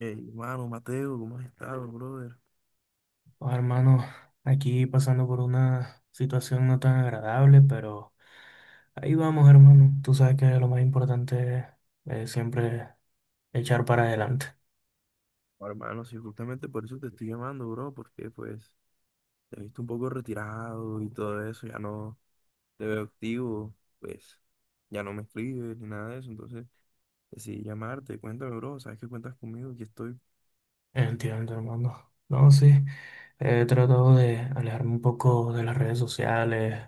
Hey, hermano, Mateo, ¿cómo has estado, brother? Oh, hermano, aquí pasando por una situación no tan agradable, pero ahí vamos, hermano. Tú sabes que lo más importante es siempre echar para adelante. Oh, hermano, sí, justamente por eso te estoy llamando, bro, porque pues te he visto un poco retirado y todo eso, ya no te veo activo, pues ya no me escribes ni nada de eso, entonces decidí llamarte, cuéntame, bro, sabes que cuentas conmigo, que estoy. Entiendo, hermano. No, sí, he tratado de alejarme un poco de las redes sociales.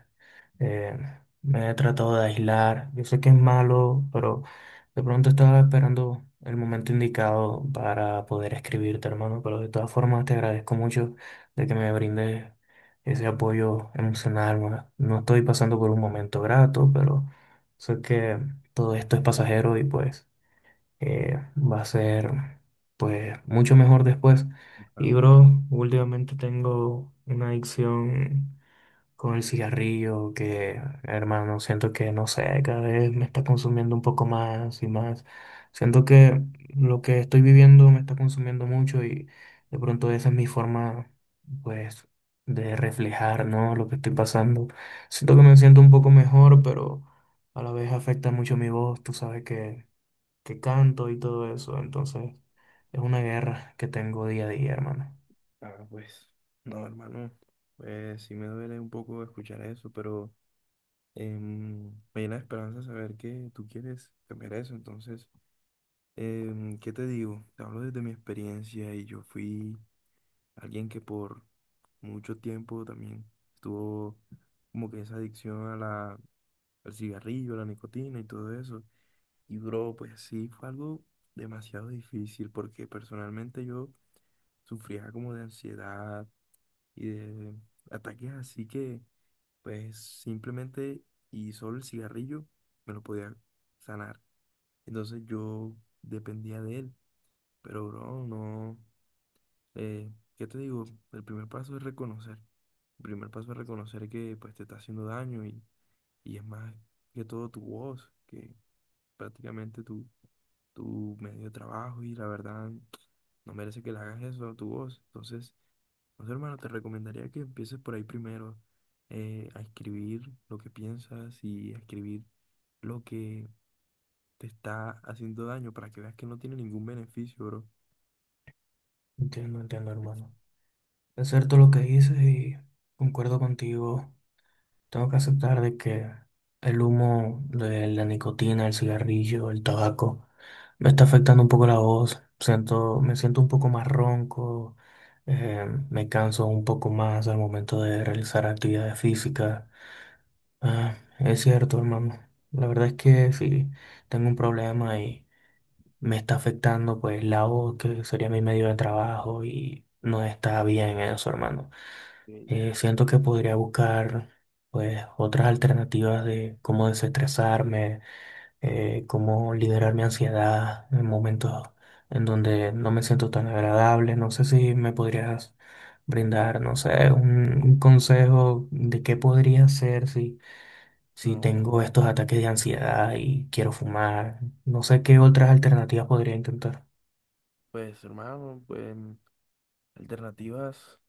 Eh, Me he tratado de aislar. Yo sé que es malo, pero de pronto estaba esperando el momento indicado para poder escribirte, hermano. Pero de todas formas te agradezco mucho de que me brindes ese apoyo emocional. No estoy pasando por un momento grato, pero sé que todo esto es pasajero y pues va a ser pues mucho mejor después. Ah, Y bro, últimamente tengo una adicción con el cigarrillo, que hermano, siento que no sé, cada vez me está consumiendo un poco más y más. Siento que lo que estoy viviendo me está consumiendo mucho y de pronto esa es mi forma, pues, de reflejar, ¿no? Lo que estoy pasando. Siento que me siento un poco mejor, pero a la vez afecta mucho mi voz, tú sabes que canto y todo eso, entonces es una guerra que tengo día a día, hermano. Pues, no, hermano, pues sí me duele un poco escuchar eso, pero em, me llena de esperanza saber que tú quieres cambiar eso, entonces. ¿Qué te digo? Te hablo desde mi experiencia y yo fui alguien que por mucho tiempo también estuvo como que esa adicción a al cigarrillo, a la nicotina y todo eso. Y bro, pues sí, fue algo demasiado difícil porque personalmente yo sufría como de ansiedad y de ataques así que pues simplemente y solo el cigarrillo me lo podía sanar. Entonces yo dependía de él, pero bro, no. Eh, ¿Qué te digo? El primer paso es reconocer. El primer paso es reconocer que pues te está haciendo daño y es más que todo tu voz, que prácticamente tu medio de trabajo y la verdad no merece que le hagas eso a tu voz. Entonces, no sé, hermano, te recomendaría que empieces por ahí primero a escribir lo que piensas y a escribir lo que te está haciendo daño para que veas que no tiene ningún beneficio, bro. Entiendo, entiendo, hermano. Es cierto lo que dices y concuerdo contigo. Tengo que aceptar de que el humo de la nicotina, el cigarrillo, el tabaco, me está afectando un poco la voz. Siento, me siento un poco más ronco, eh, me canso un poco más al momento de realizar actividades físicas. Ah, es cierto, hermano. La verdad es que sí, tengo un problema y me está afectando pues la voz, que sería mi medio de trabajo y no está bien eso, hermano. Ok, Siento que podría buscar pues otras alternativas de cómo desestresarme, cómo liderar mi ansiedad en momentos en donde no me siento tan agradable. No sé si me podrías brindar, no sé, un consejo de qué podría hacer si, si no, tengo estos ataques de ansiedad y quiero fumar. No sé qué otras alternativas podría intentar. pues hermano, pues... Alternativas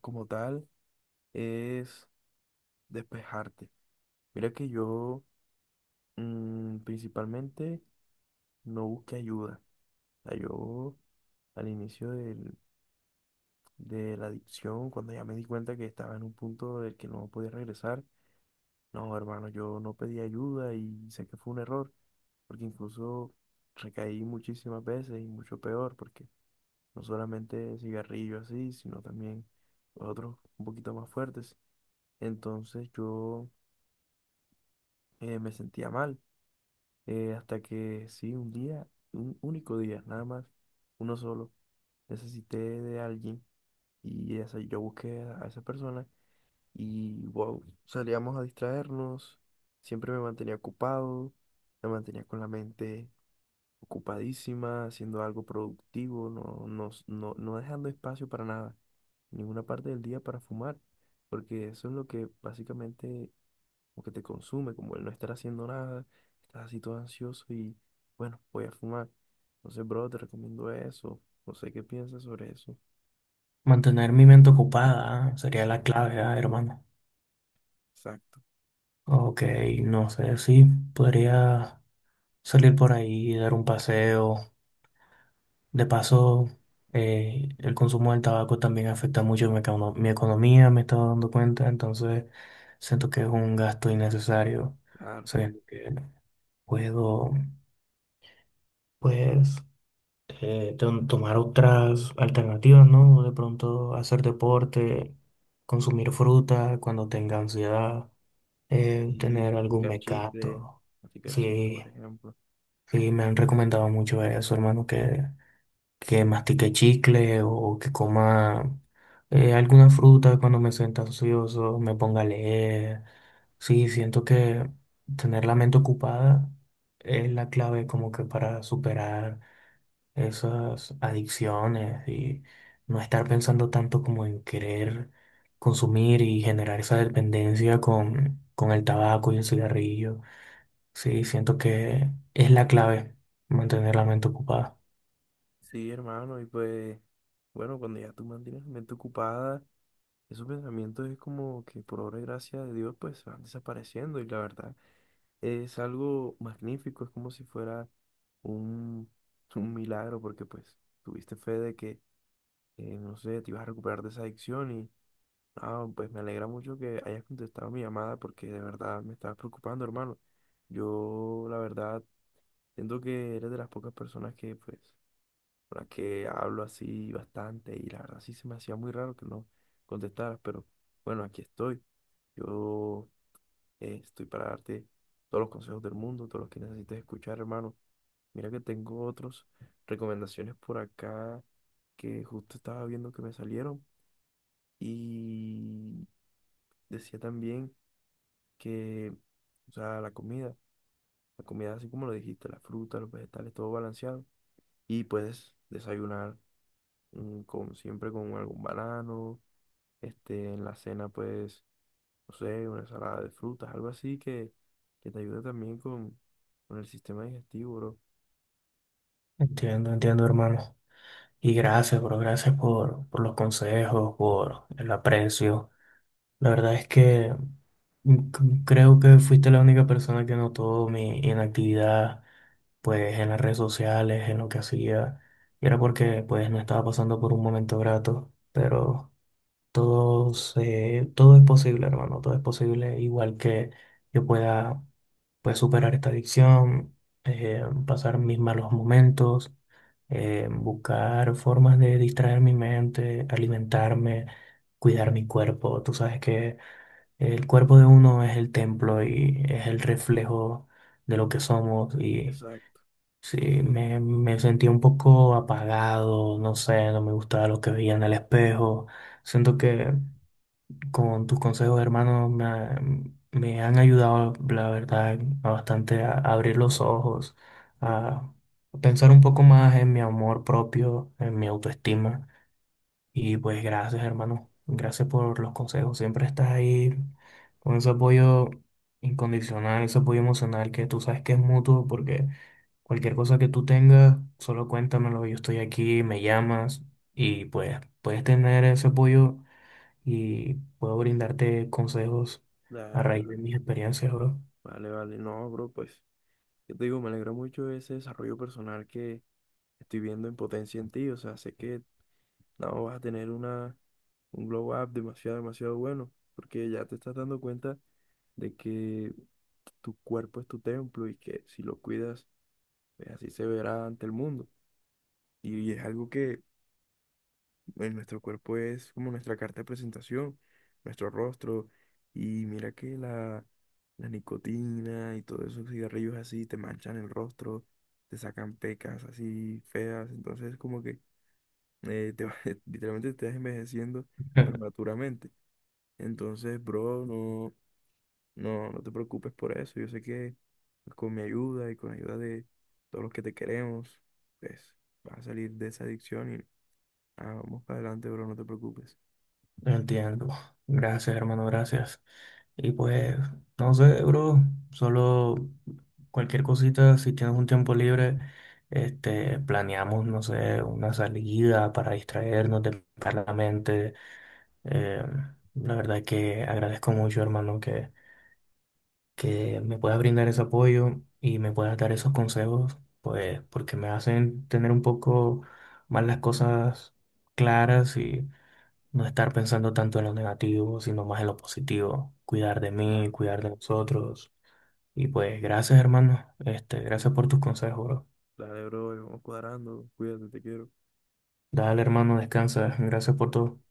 como tal es despejarte. Mira que yo principalmente no busqué ayuda. O sea, yo al de la adicción, cuando ya me di cuenta que estaba en un punto del que no podía regresar, no, hermano, yo no pedí ayuda y sé que fue un error, porque incluso recaí muchísimas veces y mucho peor, porque no solamente cigarrillo así, sino también otros un poquito más fuertes. Entonces yo me sentía mal. Eh, hasta que sí, un día, un único día, nada más, uno solo, necesité de alguien y esa, yo busqué a esa persona y wow, salíamos a distraernos. Siempre me mantenía ocupado, me mantenía con la mente ocupadísima, haciendo algo productivo, no dejando espacio para nada, en ninguna parte del día para fumar, porque eso es lo que básicamente como que te consume, como el no estar haciendo nada, estás así todo ansioso y bueno, voy a fumar. Entonces, bro, te recomiendo eso. No sé qué piensas sobre eso. Mantener mi mente ocupada sería la Exacto, clave, ah, hermano. exacto. Ok, no sé si podría salir por ahí, dar un paseo. De paso, el consumo del tabaco también afecta mucho mi, mi economía, me he estado dando cuenta, entonces siento que es un gasto innecesario. Claro. Siento que puedo, pues, tomar otras alternativas, ¿no? De pronto hacer deporte, consumir fruta cuando tenga ansiedad, Y tener algún mecato. masticar chicle, Sí, por ejemplo. sí, me han recomendado mucho eso, hermano, que mastique chicle o que coma alguna fruta cuando me sienta ansioso, me ponga a leer. Sí, siento que tener la mente ocupada es la clave como que para superar esas adicciones y no estar pensando tanto como en querer consumir y generar esa dependencia con el tabaco y el cigarrillo. Sí, siento que es la clave mantener la mente ocupada. Sí, hermano, y pues, bueno, cuando ya tú mantienes la mente ocupada, esos pensamientos es como que por obra y gracia de Dios, pues se van desapareciendo y la verdad. Es algo magnífico, es como si fuera un, un milagro, porque pues tuviste fe de no sé, te ibas a recuperar de esa adicción ah, pues me alegra mucho que hayas contestado mi llamada porque de verdad me estabas preocupando, hermano. Yo, la verdad, siento que eres de las pocas personas que, pues, con las que hablo así bastante y la verdad sí se me hacía muy raro que no contestaras, pero bueno, aquí estoy. Yo Estoy para darte todos los consejos del mundo, todos los que necesites escuchar, hermano. Mira que tengo otros recomendaciones por acá que justo estaba viendo que me salieron. Y decía también que, o sea, la comida así como lo dijiste, la fruta, los vegetales, todo balanceado. Y puedes desayunar siempre con algún banano. Este, en la cena, pues no sé, una ensalada de frutas, algo así que te ayude también con el sistema digestivo, bro. Entiendo, entiendo, hermano. Y gracias, bro, gracias por los consejos, por el aprecio. La verdad es que creo que fuiste la única persona que notó mi inactividad, pues en las redes sociales, en lo que hacía. Y era porque pues no estaba pasando por un momento grato, pero todo, todo es posible, hermano, todo es posible, igual que yo pueda pues, superar esta adicción, pasar mis malos momentos, buscar formas de distraer mi mente, alimentarme, cuidar mi cuerpo. Tú sabes que el cuerpo de uno es el templo y es el reflejo de lo que somos y Exacto. sí, me sentí un poco apagado, no sé, no me gustaba lo que veía en el espejo. Siento que... Con tus consejos, hermano, me, me han ayudado, la verdad, a bastante a abrir los ojos, Sí, a pensar un poco más en mi amor propio, en mi autoestima. Y pues gracias, hermano. Gracias por los consejos. Siempre estás ahí con ese apoyo incondicional, ese apoyo emocional que tú sabes que es mutuo, porque cualquier cosa que tú tengas, solo cuéntamelo. Yo estoy aquí, me llamas y pues puedes tener ese apoyo y puedo brindarte consejos a dale, raíz bro. de mis experiencias, bro. Vale, vale. No, bro, pues, yo te digo, me alegra mucho ese desarrollo personal que estoy viendo en potencia en ti. O sea, sé que no vas a tener un glow up demasiado, demasiado bueno, porque ya te estás dando cuenta de que tu cuerpo es tu templo y que si lo cuidas, pues así se verá ante el mundo. Y es algo que pues, nuestro cuerpo es como nuestra carta de presentación, nuestro rostro, y mira que la nicotina y todos esos cigarrillos así te manchan el rostro, te sacan pecas así feas, entonces como que eh, te, va- literalmente te estás envejeciendo prematuramente. Entonces, bro, no te preocupes por eso, yo sé que pues, con mi ayuda y con la ayuda de todos los que te queremos, pues vas a salir de esa adicción y ah, vamos para adelante, bro, no te preocupes. Entiendo. Gracias, hermano, gracias. Y pues, no sé, bro, solo cualquier cosita, si tienes un tiempo libre, este, planeamos, no sé, una salida para distraernos de la mente. Eh, la verdad que agradezco mucho, hermano, que me puedas brindar ese apoyo y me puedas dar esos consejos, pues porque me hacen tener un poco más las cosas claras y no estar pensando tanto en lo negativo, sino más en lo positivo, cuidar de mí, cuidar de nosotros. Y pues gracias, hermano. Este, gracias por tus consejos, bro. Dale, bro, vamos cuadrando. Cuídate, te quiero. Dale, hermano, descansa. Gracias por todo.